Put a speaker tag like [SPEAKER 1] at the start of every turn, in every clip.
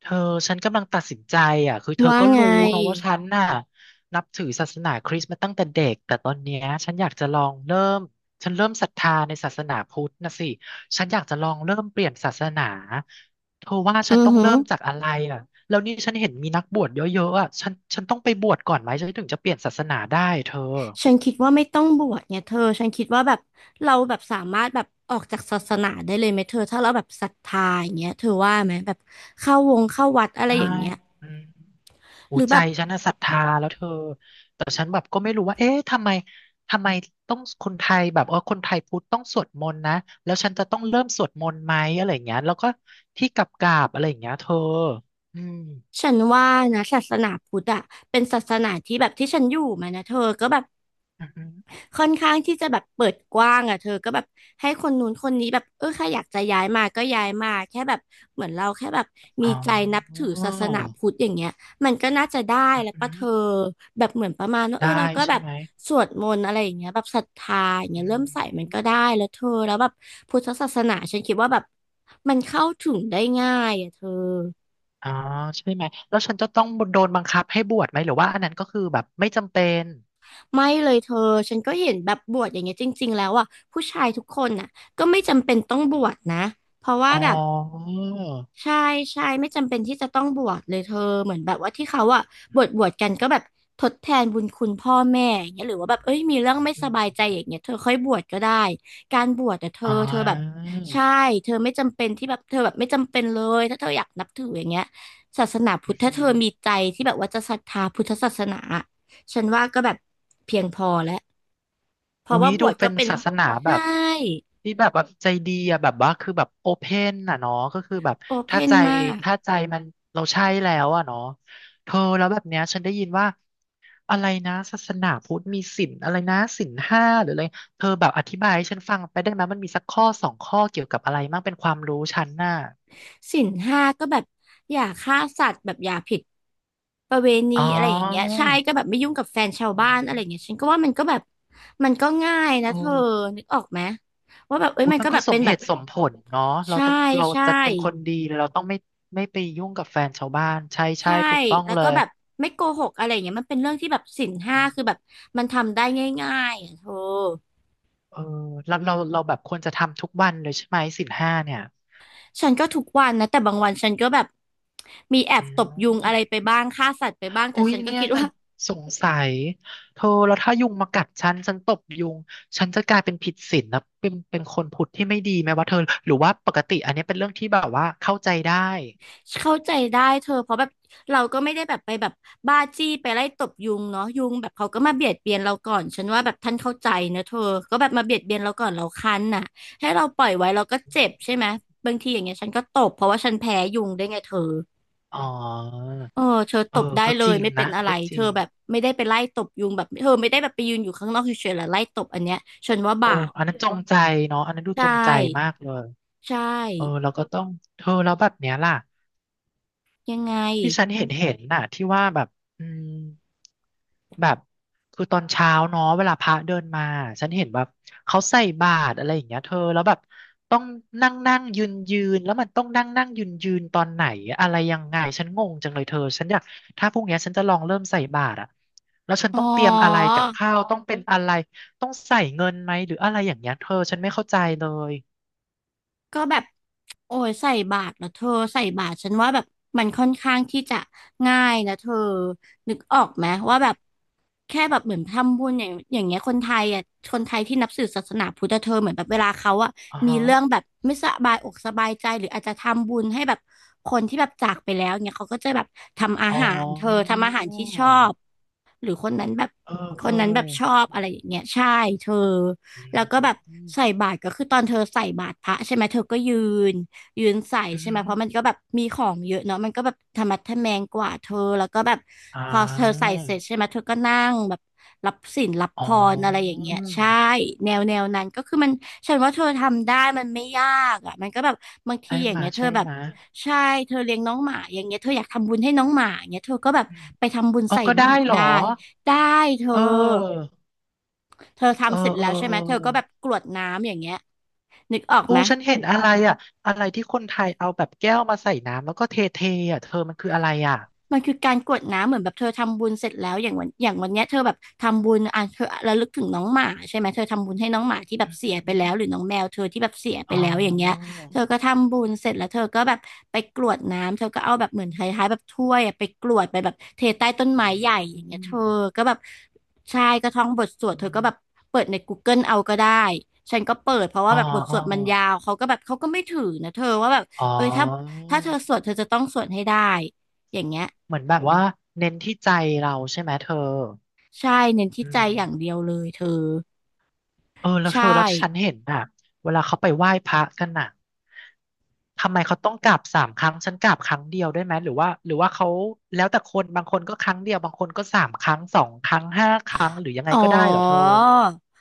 [SPEAKER 1] เธอฉันกำลังตัดสินใจอ่ะคือเธอ
[SPEAKER 2] ว่า
[SPEAKER 1] ก็
[SPEAKER 2] ไง
[SPEAKER 1] รู้เนอะว่าฉันน่ะนับถือศาสนาคริสต์มาตั้งแต่เด็กแต่ตอนเนี้ยฉันอยากจะลองเริ่มฉันเริ่มศรัทธาในศาสนาพุทธนะสิฉันอยากจะลองเริ่มเปลี่ยนศาสนาเธอว่า
[SPEAKER 2] อื
[SPEAKER 1] ฉัน
[SPEAKER 2] อ
[SPEAKER 1] ต้อง
[SPEAKER 2] หือ
[SPEAKER 1] เริ่มจากอะไรอ่ะแล้วนี่ฉันเห็นมีนักบวชเยอะๆอ่ะฉันต้องไปบวชก่อนไหมฉันถึงจะเปลี่ยนศาสนาได้เธอ
[SPEAKER 2] ฉันคิดว่าไม่ต้องบวชเนี่ยเธอฉันคิดว่าแบบเราแบบสามารถแบบออกจากศาสนาได้เลยไหมเธอถ้าเราแบบศรัทธาอย่างเงี้ยเธอว่าไหมแบบเข้าวงเข้าวัดอะไร
[SPEAKER 1] ได้
[SPEAKER 2] อย่างเงี้ย
[SPEAKER 1] อืม หู
[SPEAKER 2] หรือแบ
[SPEAKER 1] ใจ
[SPEAKER 2] บ
[SPEAKER 1] ฉันน่ะศรัทธาแล้วเธอแต่ฉันแบบก็ไม่รู้ว่าเอ๊ะทำไมทำไมต้องคนไทยแบบเออคนไทยพุทธต้องสวดมนต์นะแล้วฉันจะต้องเริ่มสวดมนต์ไหมอะไรอย่างเงี้ยแล้วก็ที่กราบๆอะไรอย่างเงี้ยเธออืม
[SPEAKER 2] ฉันว่านะศาสนาพุทธอะเป็นศาสนาที่แบบที่ฉันอยู่มานะเธอก็แบบ
[SPEAKER 1] อือหือ
[SPEAKER 2] ค่อนข้างที่จะแบบเปิดกว้างอ่ะเธอก็แบบให้คนนู้นคนนี้แบบเออใครอยากจะย้ายมาก็ย้ายมาแค่แบบเหมือนเราแค่แบบมี
[SPEAKER 1] อ๋อ
[SPEAKER 2] ใจนับถือศาสนาพุทธอย่างเงี้ยมันก็น่าจะได้
[SPEAKER 1] อือ
[SPEAKER 2] แล้ว
[SPEAKER 1] หื
[SPEAKER 2] ปะ
[SPEAKER 1] อ
[SPEAKER 2] เธอแบบเหมือนประมาณว่าเอ
[SPEAKER 1] ได้
[SPEAKER 2] อเราก็แบ
[SPEAKER 1] ใช่
[SPEAKER 2] บ
[SPEAKER 1] ไหม
[SPEAKER 2] สวดมนต์อะไรอย่างเงี้ยแบบศรัทธาอย่างเงี้
[SPEAKER 1] อื
[SPEAKER 2] ยเริ่มใส่มันก็
[SPEAKER 1] ม
[SPEAKER 2] ได้แล้วเธอแล้วแบบพุทธศาสนาฉันคิดว่าแบบมันเข้าถึงได้ง่ายอ่ะเธอ
[SPEAKER 1] อ๋อใช่ไหมแล้วฉันจะต้องโดนบังคับให้บวชไหมหรือว่าอันนั้นก็คือแบบไม่จำเป็น
[SPEAKER 2] ไม่เลยเธอฉันก็เห็นแบบบวชอย่างเงี้ยจริงๆแล้วอ่ะผู้ชายทุกคนน่ะก็ไม่จำเป็นต้องบวชนะเพราะว่า
[SPEAKER 1] อ๋อ
[SPEAKER 2] แบบ ใช่ใช่ไม่จำเป็นที่จะต้องบวชเลยเธอเหมือนแบบว่าที่เขาอะบวชกันก็แบบทดแทนบุญคุณพ่อแม่อย่างเงี้ยหรือว่าแบบเอ้ยมีเรื่องไม่
[SPEAKER 1] อื
[SPEAKER 2] สบายใจอย่า
[SPEAKER 1] ม
[SPEAKER 2] งเงี้ยเธอค่อยบวชก็ได้การบวชแต่เธอ
[SPEAKER 1] อ๋
[SPEAKER 2] เธอแบบ
[SPEAKER 1] อ
[SPEAKER 2] ใช่เธอไม่จำเป็นที่แบบเธอแบบไม่จำเป็นเลยถ้าเธออยากนับถืออย่างเงี้ยศาสนาพุทธถ้าเธอมีใจที่แบบว่าจะศรัทธาพุทธศาสนาฉันว่าก็แบบเพียงพอแล้วเพ
[SPEAKER 1] อุ๊
[SPEAKER 2] ราะ
[SPEAKER 1] ย
[SPEAKER 2] ว่าบ
[SPEAKER 1] ดู
[SPEAKER 2] วช
[SPEAKER 1] เป็
[SPEAKER 2] ก็
[SPEAKER 1] น
[SPEAKER 2] เป็น
[SPEAKER 1] ศาสนาแบ
[SPEAKER 2] ใช่
[SPEAKER 1] บที่แบบว่าใจดีอะแบบว่าคือแบบโอเพนอ่ะเนาะก็คือแบบ
[SPEAKER 2] โอเพ
[SPEAKER 1] ถ้า
[SPEAKER 2] น
[SPEAKER 1] ใจ
[SPEAKER 2] มาก
[SPEAKER 1] ถ้าใจมันเราใช่แล้วอะเนาะเธอแล้วแบบเนี้ยฉันได้ยินว่าอะไรนะศาสนาพุทธมีศีลอะไรนะศีลห้าหรืออะไรเธอแบบอธิบายให้ฉันฟังไปได้ไหมมันมีสักข้อสองข้อเกี่ยวกับอะไรมั่งเป็นความรู้ฉันน่ะ
[SPEAKER 2] ศีลห้าก็แบบอย่าฆ่าสัตว์แบบอย่าผิดประเวณี
[SPEAKER 1] อ๋อ
[SPEAKER 2] อะไรอย่างเงี้ยใช่ก็แบบไม่ยุ่งกับแฟนชาวบ้านอะไรอย่างเงี้ยฉันก็ว่ามันก็แบบมันก็ง่ายนะ
[SPEAKER 1] โอ้
[SPEAKER 2] เธอนึกออกไหมว่าแบบเอ้ย
[SPEAKER 1] อุ๊ย
[SPEAKER 2] มัน
[SPEAKER 1] มั
[SPEAKER 2] ก็
[SPEAKER 1] นก็
[SPEAKER 2] แบบ
[SPEAKER 1] ส
[SPEAKER 2] เป็
[SPEAKER 1] ม
[SPEAKER 2] น
[SPEAKER 1] เห
[SPEAKER 2] แบบ
[SPEAKER 1] ตุสมผลเนาะเรา
[SPEAKER 2] ใช่
[SPEAKER 1] ต้องเรา
[SPEAKER 2] ใช่
[SPEAKER 1] จะเป็นคนดีเราต้องไม่ไม่ไปยุ่งกับแฟนชาวบ้านใช่ใช่
[SPEAKER 2] ใช่
[SPEAKER 1] ถูกต้อง
[SPEAKER 2] แล้ว
[SPEAKER 1] เล
[SPEAKER 2] ก็
[SPEAKER 1] ย
[SPEAKER 2] แบบไม่โกหกอะไรอย่างเงี้ยมันเป็นเรื่องที่แบบศีลห้าคือแบบมันทำได้ง่ายๆอ่ะเธอ
[SPEAKER 1] เออเราแบบควรจะทำทุกวันเลยใช่ไหมศีลห้าเนี่ย
[SPEAKER 2] ฉันก็ทุกวันนะแต่บางวันฉันก็แบบมีแอ
[SPEAKER 1] อื
[SPEAKER 2] บตบยุงอะ
[SPEAKER 1] ม
[SPEAKER 2] ไรไปบ้างฆ่าสัตว์ไปบ้างแต่
[SPEAKER 1] อุ๊ย
[SPEAKER 2] ฉันก็
[SPEAKER 1] เนี่ย
[SPEAKER 2] คิดว่า
[SPEAKER 1] สงสัยเธอแล้วถ้ายุงมากัดฉันฉันตบยุงฉันจะกลายเป็นผิดศีลนะเป็นคนผุดที่ไม่ดีไหมวะเธอหรือว่าปกติอันนี้เป็นเรื่องที่แบบว่าเข้าใจได้
[SPEAKER 2] เข้าใจได้เธอเพราะแบบเราก็ไม่ได้แบบไปแบบบ้าจี้ไปไล่ตบยุงเนาะยุงแบบเขาก็มาเบียดเบียนเราก่อนฉันว่าแบบท่านเข้าใจนะเธอก็แบบมาเบียดเบียนเราก่อนเราคันน่ะให้เราปล่อยไว้เราก็เจ็บใช่ไหมบางทีอย่างเงี้ยฉันก็ตบเพราะว่าฉันแพ้ยุงได้วยไงเธอ
[SPEAKER 1] อ๋อ
[SPEAKER 2] เออเธอต
[SPEAKER 1] เอ
[SPEAKER 2] บ
[SPEAKER 1] อ
[SPEAKER 2] ได้
[SPEAKER 1] ก็
[SPEAKER 2] เล
[SPEAKER 1] จ
[SPEAKER 2] ย
[SPEAKER 1] ริง
[SPEAKER 2] ไม่เป็
[SPEAKER 1] นะ
[SPEAKER 2] นอะไร
[SPEAKER 1] ก็จ
[SPEAKER 2] เธอ
[SPEAKER 1] ริง
[SPEAKER 2] แบบไม่ได้ไปไล่ตบยุงแบบเธอไม่ได้แบบไปยืนอยู่ข้างนอกเฉยๆแล้วไล่ตบอันเนี้ยฉันว่า
[SPEAKER 1] โอ้
[SPEAKER 2] บาป
[SPEAKER 1] อันนั้นจงใจเนาะอันนั้นดู
[SPEAKER 2] ใช่
[SPEAKER 1] จงใจมากเลย
[SPEAKER 2] ใช่
[SPEAKER 1] เออแล้วก็ต้องเธอแล้วแบบเนี้ยล่ะ
[SPEAKER 2] ยังไง
[SPEAKER 1] ที่ฉันเห็นน่ะที่ว่าแบบอืมแบบคือตอนเช้าเนาะเวลาพระเดินมาฉันเห็นแบบเขาใส่บาตรอะไรอย่างเงี้ยเธอแล้วแบบต้องนั่งนั่งยืนยืนแล้วมันต้องนั่งนั่งยืนยืนตอนไหนอะไรยังไงฉันงงจังเลยเธอฉันอยากถ้าพรุ่งเนี้ยฉันจะลองเริ่มใส่บาตรอะแล้วฉัน
[SPEAKER 2] อ๋อ
[SPEAKER 1] ต้องเตรียมอะไรกับข้าวต้องเป็นอะไรต้องใส่
[SPEAKER 2] ก็แบบโอ้ยใส่บาตรแล้วเธอใส่บาตรฉันว่าแบบมันค่อนข้างที่จะง่ายนะเธอนึกออกไหมว่าแบบแค่แบบเหมือนทำบุญอย่างอย่างเงี้ยคนไทยอ่ะคนไทยที่นับถือศาสนาพุทธเธอเหมือนแบบเวลาเขาอ่ะ
[SPEAKER 1] อ่อ
[SPEAKER 2] มีเรื่องแบ
[SPEAKER 1] อ
[SPEAKER 2] บไม่สบายอกสบายใจหรืออาจจะทำบุญให้แบบคนที่แบบจากไปแล้วเนี่ยเขาก็จะแบบทำอา
[SPEAKER 1] อ๋อ
[SPEAKER 2] หารเธอทำอาหารที่ชอบ หรือคนนั้นแบบ
[SPEAKER 1] เออ
[SPEAKER 2] ค
[SPEAKER 1] เออ
[SPEAKER 2] นนั้นแบบชอบอะไรอย่างเงี้ยใช่เธอ
[SPEAKER 1] อื
[SPEAKER 2] แล้
[SPEAKER 1] ม
[SPEAKER 2] วก็แบบ
[SPEAKER 1] อืม
[SPEAKER 2] ใส่บาตรก็คือตอนเธอใส่บาตรพระใช่ไหมเธอก็นยืนใส่
[SPEAKER 1] อื
[SPEAKER 2] ใช่ไหมเพ
[SPEAKER 1] ม
[SPEAKER 2] ราะมันก็แบบมีของเยอะเนาะมันก็แบบธรรมะทะแมงกว่าเธอแล้วก็แบบ
[SPEAKER 1] อ่
[SPEAKER 2] พอเธอใส่
[SPEAKER 1] า
[SPEAKER 2] เสร็จใช่ไหมเธอก็นั่งแบบรับศีลรับ
[SPEAKER 1] อ๋
[SPEAKER 2] พ
[SPEAKER 1] อ
[SPEAKER 2] รอะไรอย่างเงี้ยใช่แนวแนวนั้นก็คือมันฉันว่าเธอทำได้มันไม่ยากอ่ะมันก็แบบบางที
[SPEAKER 1] ใช่
[SPEAKER 2] อย่าง
[SPEAKER 1] มา
[SPEAKER 2] เงี้ยเธอ
[SPEAKER 1] ใช่
[SPEAKER 2] แบบ
[SPEAKER 1] มา
[SPEAKER 2] ใช่เธอเลี้ยงน้องหมาอย่างเงี้ยเธออยากทำบุญให้น้องหมาอย่างเงี้ยเธอก็แบบ
[SPEAKER 1] อืม
[SPEAKER 2] ไปทำบุญ
[SPEAKER 1] เอา
[SPEAKER 2] ใส่
[SPEAKER 1] ก็ได้
[SPEAKER 2] บาตร
[SPEAKER 1] เหรอ
[SPEAKER 2] ได้ ได้เธอ
[SPEAKER 1] เออ
[SPEAKER 2] เธอ
[SPEAKER 1] เออ
[SPEAKER 2] ทำเสร็จ
[SPEAKER 1] เอ
[SPEAKER 2] แล้
[SPEAKER 1] อ
[SPEAKER 2] วใช่
[SPEAKER 1] เอ
[SPEAKER 2] ไห
[SPEAKER 1] อ
[SPEAKER 2] ม เธอก็แบบกรวดน้ำอย่างเงี้ยนึกออก
[SPEAKER 1] โอ้
[SPEAKER 2] ไหม
[SPEAKER 1] ฉันเห็นอะไรอ่ะอะไรที่คนไทยเอาแบบแก้วมาใส่น้ำแล้วก็เทเทอ่ะเธอมันคืออะไรอ่ะ
[SPEAKER 2] มันคือการกรวดน้ำเหมือนแบบเธอทำบุญเสร็จแล้วอย่างวันอย่างวันเนี้ยเธอแบบทำบุญอ่ะเธอระลึกถึงน้องหมาใช่ไหมเธอทำบุญให้น้องหมาที่แบบเสียไปแล้
[SPEAKER 1] อื
[SPEAKER 2] วหรื
[SPEAKER 1] ม
[SPEAKER 2] อน้องแมวเธอที่แบบเสียไป
[SPEAKER 1] อ๋
[SPEAKER 2] แล้วอย่างเงี้ย
[SPEAKER 1] อ
[SPEAKER 2] เธอก็ทำบุญเสร็จแล้วเธอก็แบบไปกรวดน้ำเธอก็เอาแบบเหมือนคล้ายๆแบบถ้วยอะไปกรวดไปแบบเทใต้ต้นไม้ใหญ่อ
[SPEAKER 1] อื
[SPEAKER 2] ย่างเงี้ยเธ
[SPEAKER 1] ม
[SPEAKER 2] อก็แบบใช่ก็ท่องบทสวดเธอก็แบบเปิดในกูเกิ e เอาก็ได้ฉันก็เปิดเพราะ
[SPEAKER 1] อ๋
[SPEAKER 2] ว่า
[SPEAKER 1] อ
[SPEAKER 2] แบบบทส
[SPEAKER 1] อ๋อ
[SPEAKER 2] วดมันยาวเขาก็แบบเขาก็ไม่ถือนะเธอว่าแบบ
[SPEAKER 1] อ๋อ
[SPEAKER 2] เอ้ยถ้าเธอสวดเธอจะต้องสวดให้ได้อย่างเงี้ย
[SPEAKER 1] เหมือนแบบว่าเน้นที่ใจเราใช่ไหมเธอ
[SPEAKER 2] ใช่เน้นที่
[SPEAKER 1] อื
[SPEAKER 2] ใจ
[SPEAKER 1] ม
[SPEAKER 2] อย่างเดียวเลยเธอ
[SPEAKER 1] เออแล้ว
[SPEAKER 2] ใช่
[SPEAKER 1] เธอแล้วฉันเห็นอ่ะเวลาเขาไปไหว้พระกันน่ะทำไมเขาต้องกราบสามครั้งฉันกราบครั้งเดียวได้ไหมหรือว่าหรือว่าเขาแล้วแต่คนบางคนก็ครั้งเดียวบางคนก็สามครั้งสองครั้งห้าครั้งหรือยังไง
[SPEAKER 2] อ๋อ
[SPEAKER 1] ก็ได้เหรอเธอ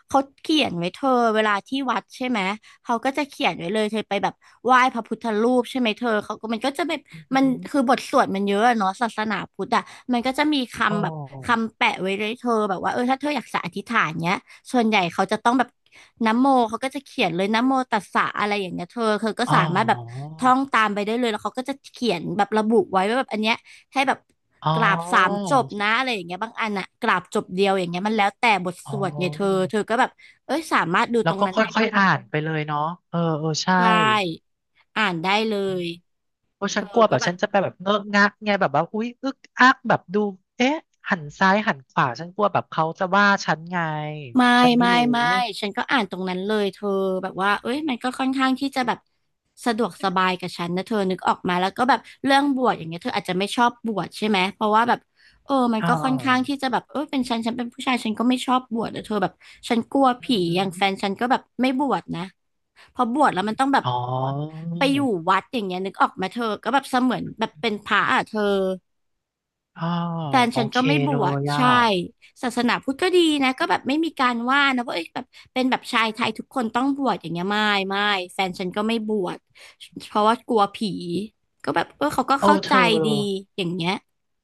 [SPEAKER 2] เขาเขียนไว้เธอเวลาที่วัดใช่ไหมเขาก็จะเขียนไว้เลยเธอไปแบบไหว้พระพุทธรูปใช่ไหมเธอเขาก็มันก็จะแบบ
[SPEAKER 1] อือ
[SPEAKER 2] มั
[SPEAKER 1] หื
[SPEAKER 2] น
[SPEAKER 1] อ
[SPEAKER 2] คือบทสวดมันเยอะอะเนาะศาสนาพุทธอ่ะมันก็จะมี
[SPEAKER 1] อ๋อ
[SPEAKER 2] คำแบบคำแปะไว้เลยเธอแบบว่าเออถ้าเธออยากจะอธิษฐานเนี้ยส่วนใหญ่เขาจะต้องแบบนะโมเขาก็จะเขียนเลยนะโมตัสสะอะไรอย่างเงี้ยเธอก็
[SPEAKER 1] อ๋อ
[SPEAKER 2] สามารถแบบท่องตามไปได้เลยแล้วเขาก็จะเขียนแบบระบุไว้ว่าแบบอันเนี้ย ให้แบบ
[SPEAKER 1] อ๋อ
[SPEAKER 2] กราบสามจบนะอะไรอย่างเงี้ยบางอันอะกราบจบเดียวอย่างเงี้ยมันแล้วแต่บทส
[SPEAKER 1] อ๋อ
[SPEAKER 2] วดไงเธอก็แบบเอ้ยสามารถดู
[SPEAKER 1] แล้
[SPEAKER 2] ต
[SPEAKER 1] ว
[SPEAKER 2] รง
[SPEAKER 1] ก็
[SPEAKER 2] นั้น
[SPEAKER 1] ค
[SPEAKER 2] ได้
[SPEAKER 1] ่อยๆอ่านไปเลยเนาะเออเออใช่
[SPEAKER 2] ใช่อ่านได้เลย
[SPEAKER 1] โอ้
[SPEAKER 2] เธ
[SPEAKER 1] ฉัน
[SPEAKER 2] อ
[SPEAKER 1] กลัวแบ
[SPEAKER 2] ก็
[SPEAKER 1] บ
[SPEAKER 2] แบ
[SPEAKER 1] ฉั
[SPEAKER 2] บ
[SPEAKER 1] นจะไปแบบเงอะงะกไงแบบว่าอุ๊ยอึกอักแบบดูเอ๊ะหันซ้ายหันขวาฉันกลัวแบบเขาจะว่าฉันไง
[SPEAKER 2] ไม่
[SPEAKER 1] ฉันไม่
[SPEAKER 2] ไม่
[SPEAKER 1] รู้
[SPEAKER 2] ไม่ฉันก็อ่านตรงนั้นเลยเธอแบบว่าเอ้ยมันก็ค่อนข้างที่จะแบบสะดวกสบายกับฉันนะเธอนึกออกมาแล้วก็แบบเรื่องบวชอย่างเงี้ยเธออาจจะไม่ชอบบวชใช่ไหมเพราะว่าแบบเออมัน
[SPEAKER 1] อ่
[SPEAKER 2] ก็ค่อนข้าง
[SPEAKER 1] า
[SPEAKER 2] ที่จะแบบเออเป็นฉันเป็นผู้ชายฉันก็ไม่ชอบบวชนะเธอแบบฉันกลัว
[SPEAKER 1] อื
[SPEAKER 2] ผี
[SPEAKER 1] อ
[SPEAKER 2] อ
[SPEAKER 1] หื
[SPEAKER 2] ย่า
[SPEAKER 1] อ
[SPEAKER 2] งแฟนฉันก็แบบไม่บวชนะ พอบวชแล้วมันต้องแบบ
[SPEAKER 1] อ๋อ
[SPEAKER 2] ไปอยู่วัดอย่างเงี้ยนึกออกไหมเธอก็แบบเสมือนแบบเป็นพระอ่ะเธอ
[SPEAKER 1] อ๋อ
[SPEAKER 2] แฟน
[SPEAKER 1] โอ
[SPEAKER 2] ฉัน
[SPEAKER 1] เค
[SPEAKER 2] ก็ไม่บ
[SPEAKER 1] เล
[SPEAKER 2] วช
[SPEAKER 1] ยอ่ะ
[SPEAKER 2] ใช่ศาสนาพุทธก็ดีนะก็แบบไม่มีการว่านะว่าเอ้ยแบบเป็นแบบชายไทยทุกคนต้องบวชอย่างเงี้ยไม่แฟนฉันก็ไม่บวชเพราะว่ากลัวผีก็แบบเออเขาก็
[SPEAKER 1] เอ
[SPEAKER 2] เข้า
[SPEAKER 1] อเธ
[SPEAKER 2] ใจ
[SPEAKER 1] อ
[SPEAKER 2] ดีอย่างเงี้ย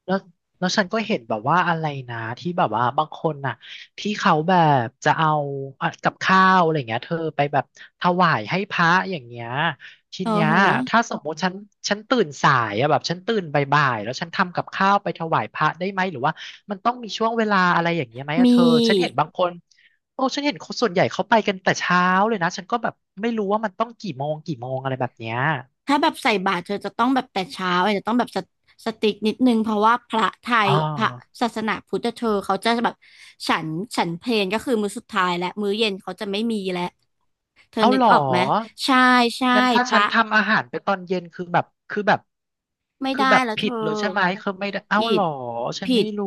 [SPEAKER 1] แล้วแล้วฉันก็เห็นแบบว่าอะไรนะที่แบบว่าบางคนน่ะที่เขาแบบจะเอาอ่ะกับข้าวอะไรเงี้ยเธอไปแบบถวายให้พระอย่างเงี้ยที
[SPEAKER 2] เออ
[SPEAKER 1] เนี้ย
[SPEAKER 2] เหรอ
[SPEAKER 1] ถ้าสมมติฉันฉันตื่นสายอะแบบฉันตื่นบ่ายๆแล้วฉันทำกับข้าวไปถวายพระได้ไหมหรือว่ามันต้องมีช่วงเวลาอะไรอย่างเงี้ยไหมอะเธ
[SPEAKER 2] มี
[SPEAKER 1] อฉันเห็นบางคนโอ้ฉันเห็นคนส่วนใหญ่เขาไปกันแต่เช้าเลยนะฉันก็แบบไม่รู้ว่ามันต้องกี่โมงอะไรแบบเนี้ย
[SPEAKER 2] ถ้าแบบใส่บาตรเธอจะต้องแบบแต่เช้าอาจจะต้องแบบสติกนิดนึงเพราะว่าพระไท
[SPEAKER 1] อ๋
[SPEAKER 2] ย
[SPEAKER 1] อ
[SPEAKER 2] พระศาสนาพุทธเธอเขาจะแบบฉันฉันเพลก็คือมื้อสุดท้ายและมื้อเย็นเขาจะไม่มีแล้วเธอ
[SPEAKER 1] เอา
[SPEAKER 2] นึก
[SPEAKER 1] เหร
[SPEAKER 2] อ
[SPEAKER 1] อ
[SPEAKER 2] อกไหมใช่ใช่
[SPEAKER 1] งั้นถ้า
[SPEAKER 2] พ
[SPEAKER 1] ฉั
[SPEAKER 2] ระ
[SPEAKER 1] นทำอาหารไปตอนเย็น
[SPEAKER 2] ไม่
[SPEAKER 1] คือ
[SPEAKER 2] ได้
[SPEAKER 1] แบบ
[SPEAKER 2] แล้วเธ
[SPEAKER 1] ผิด
[SPEAKER 2] อ
[SPEAKER 1] เลยใช่ไหมคือไม่ได้เอา
[SPEAKER 2] ผิ
[SPEAKER 1] เหร
[SPEAKER 2] ด
[SPEAKER 1] อ ฉัน
[SPEAKER 2] ผิ
[SPEAKER 1] ไม่
[SPEAKER 2] ด
[SPEAKER 1] รู้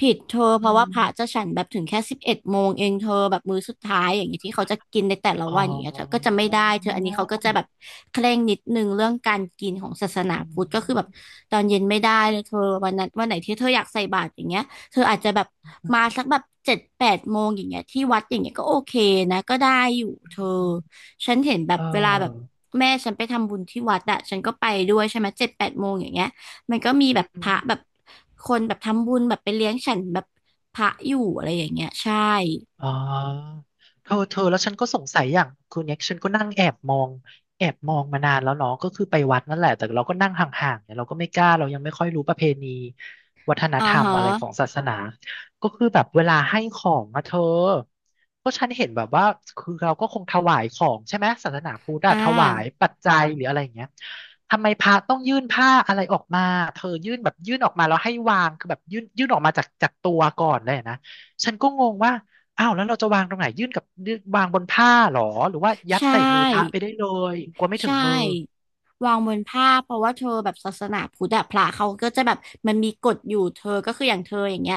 [SPEAKER 2] ผิดเธอเพ
[SPEAKER 1] อื
[SPEAKER 2] ราะว่า
[SPEAKER 1] ม
[SPEAKER 2] พระจะฉันแบบถึงแค่11 โมงเองเธอแบบมื้อสุดท้ายอย่างเงี้ยที่เขาจะกินในแต่ละ
[SPEAKER 1] อ๋
[SPEAKER 2] วันอย่างเงี้ยเธอก็จะ
[SPEAKER 1] อ
[SPEAKER 2] ไม่ได้เธออันนี้เขาก็จะแบบเคร่งนิดนึงเรื่องการกินของศาสนา
[SPEAKER 1] อื
[SPEAKER 2] พุทธก็คือแบบ
[SPEAKER 1] ม
[SPEAKER 2] ตอนเย็นไม่ได้เลยเธอวันนั้นวันไหนที่เธออยากใส่บาตรอย่างเงี้ยเธออาจจะแบบมาสักแบบเจ็ดแปดโมงอย่างเงี้ยที่วัดอย่างเงี้ยก็โอเคนะก็ได้อยู่เธอฉันเห็นแบ
[SPEAKER 1] เอ
[SPEAKER 2] บ
[SPEAKER 1] อ
[SPEAKER 2] เวลาแบบแม่ฉันไปทำบุญที่วัดอะฉันก็ไปด้วยใช่ไหมเจ็ดแปดโมงอย่างเงี้ย มันก็มีแบบพระแบบคนแบบทำบุญแบบไปเลี้ยงฉันแบบพระอยู่อะไรอย่างเงี้ยใช่
[SPEAKER 1] อ๋อเธอเธอแล้วฉันก็สงสัยอย่างคือเนี่ยฉันก็นั่งแอบมองแอบมองมานานแล้วเนาะก็คือไปวัดนั่นแหละแต่เราก็นั่งห่างๆเนี่ยเราก็ไม่กล้าเรายังไม่ค่อยรู้ประเพณีวัฒน
[SPEAKER 2] อ่า
[SPEAKER 1] ธรรม
[SPEAKER 2] ฮะ
[SPEAKER 1] อะไรของศาสนาก็คือแบบเวลาให้ของอะเธอก็ฉันเห็นแบบว่าคือเราก็คงถวายของใช่ไหมศาสนาพุทธ
[SPEAKER 2] อ่
[SPEAKER 1] อะถวาย
[SPEAKER 2] า
[SPEAKER 1] ปัจจัยหรืออะไรอย่างเงี้ยทำไมพระต้องยื่นผ้าอะไรออกมาเธอยื่นแบบยื่นออกมาแล้วให้วางคือแบบยื่นออกมาจากตัวก่อนเลยนะฉันก็งงว่า อ้าวแล้วเราจะวางตรงไหนยื่นกับยื่นวางบนผ้าเหรอหรือว่ายั
[SPEAKER 2] ใช
[SPEAKER 1] ดใส่มือพระ
[SPEAKER 2] ่
[SPEAKER 1] ไปได้เลยกลัวไม่ถึ
[SPEAKER 2] ใช่
[SPEAKER 1] งมือ
[SPEAKER 2] วางบนผ้าเพราะว่าเธอแบบศาสนาพุทธอะพระเขาก็จะแบบมันมีกฎอยู่เธอก็คืออย่างเธออย่างเงี้ย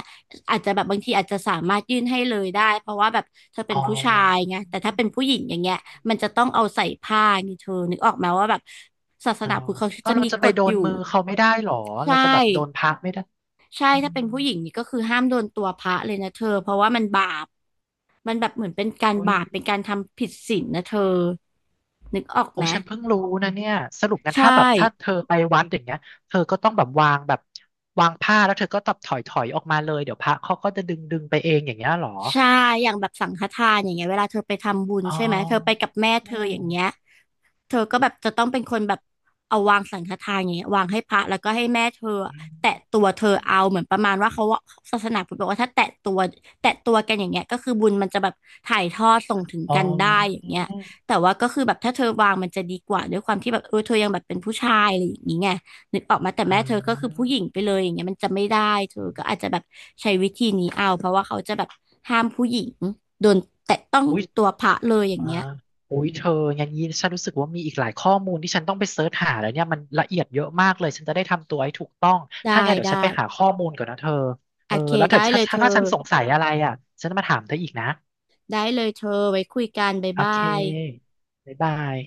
[SPEAKER 2] อาจจะแบบบางทีอาจจะสามารถยื่นให้เลยได้เพราะว่าแบบเธอเป็
[SPEAKER 1] อ๋
[SPEAKER 2] น
[SPEAKER 1] อ
[SPEAKER 2] ผู้ชายไงแต่ถ้าเป็นผู้หญิงอย่างเงี้ยมันจะต้องเอาใส่ผ้าไงเธอนึกออกไหมว่าแบบศาส
[SPEAKER 1] อ๋อ
[SPEAKER 2] นาพุทธเขา
[SPEAKER 1] เอา
[SPEAKER 2] จะ
[SPEAKER 1] เรา
[SPEAKER 2] มี
[SPEAKER 1] จะ
[SPEAKER 2] ก
[SPEAKER 1] ไป
[SPEAKER 2] ฎ
[SPEAKER 1] โด
[SPEAKER 2] อ
[SPEAKER 1] น
[SPEAKER 2] ยู่
[SPEAKER 1] มือเขาไม่ได้หรอ
[SPEAKER 2] ใช่
[SPEAKER 1] เราจะแบบโดนพระไม่ได้
[SPEAKER 2] ใช่
[SPEAKER 1] อื
[SPEAKER 2] ถ้า
[SPEAKER 1] ม
[SPEAKER 2] เป็นผู้หญิงนี่ก็คือห้ามโดนตัวพระเลยนะเธอเพราะว่ามันบาปมันแบบเหมือนเป็นการ
[SPEAKER 1] โอ้ย
[SPEAKER 2] บาปเป็นการทำผิดศีลนะเธอนึกออก
[SPEAKER 1] โอ้
[SPEAKER 2] ไหม
[SPEAKER 1] ฉันเพิ่งรู้นะเนี่ยสรุปงั้น
[SPEAKER 2] ใช่
[SPEAKER 1] ถ้าแบบถ้าเธอไปวัดอย่างเงี้ยเธอก็ต้องแบบวางแบบวางผ้าแล้วเธอก็ตับถอยออกมาเลยเดี๋ยวพระเขาก็จะดึงไปเองอย่างเงี้ยหรอ
[SPEAKER 2] ใช่อย่างแบบสังฆทานอย่างเงี้ยเวลาเธอไปทำบุญ
[SPEAKER 1] อ๋อ
[SPEAKER 2] ใช่ไหมเธอไปกับแม่เธ
[SPEAKER 1] อ๋อ
[SPEAKER 2] ออย่างเงี้ย เธอก็แบบจะต้องเป็นคนแบบเอาวางสังฆทานอย่างเงี้ยวางให้พระแล้วก็ให้แม่เธออะแตะตัวเธอเอาเหมือนประมาณว่าเขาว่าศาสนาพุทธบอกว่าถ้าแตะตัวกันอย่างเงี้ยก็คือบุญมันจะแบบถ่ายทอดส่งถึง
[SPEAKER 1] อ๋อ
[SPEAKER 2] กันได้อย่างเงี้ยแต่ว่าก็คือแบบถ้าเธอวางมันจะดีกว่าด้วยความที่แบบเออเธอยังแบบเป็นผู้ชายอะไรอย่างงี้ไงนึกออกมาแต่
[SPEAKER 1] อ
[SPEAKER 2] แม่เธอก็คือผู้
[SPEAKER 1] า
[SPEAKER 2] หญิงไปเลยอย่างเงี้ยมันจะไม่ได้เธอก็อาจจะแบบใช้วิธีนี้เอาเพราะว่าเขาจะแบบห้ามผู้หญิงโดนแตะต้อง
[SPEAKER 1] อุ้ย
[SPEAKER 2] ตัวพระเลยอย่าง
[SPEAKER 1] อ่า
[SPEAKER 2] เงี้ย
[SPEAKER 1] อุ้ยเธออย่างนี้ฉันรู้สึกว่ามีอีกหลายข้อมูลที่ฉันต้องไปเสิร์ชหาแล้วเนี่ยมันละเอียดเยอะมากเลยฉันจะได้ทำตัวให้ถูกต้อง
[SPEAKER 2] ได้
[SPEAKER 1] ถ้าไงเดี๋ยว
[SPEAKER 2] ได้
[SPEAKER 1] ฉันไปหาข้อมูลก่อนนะเธอ
[SPEAKER 2] โอ
[SPEAKER 1] เออ
[SPEAKER 2] เค
[SPEAKER 1] แล้วถ้าถ้าถ้าฉันสงสัยอะไรอ่ะฉันจะมาถามเธออีกนะ
[SPEAKER 2] ได้เลยเธอไว้คุยกันบ๊าย
[SPEAKER 1] โอ
[SPEAKER 2] บ
[SPEAKER 1] เค
[SPEAKER 2] าย
[SPEAKER 1] บ๊ายบาย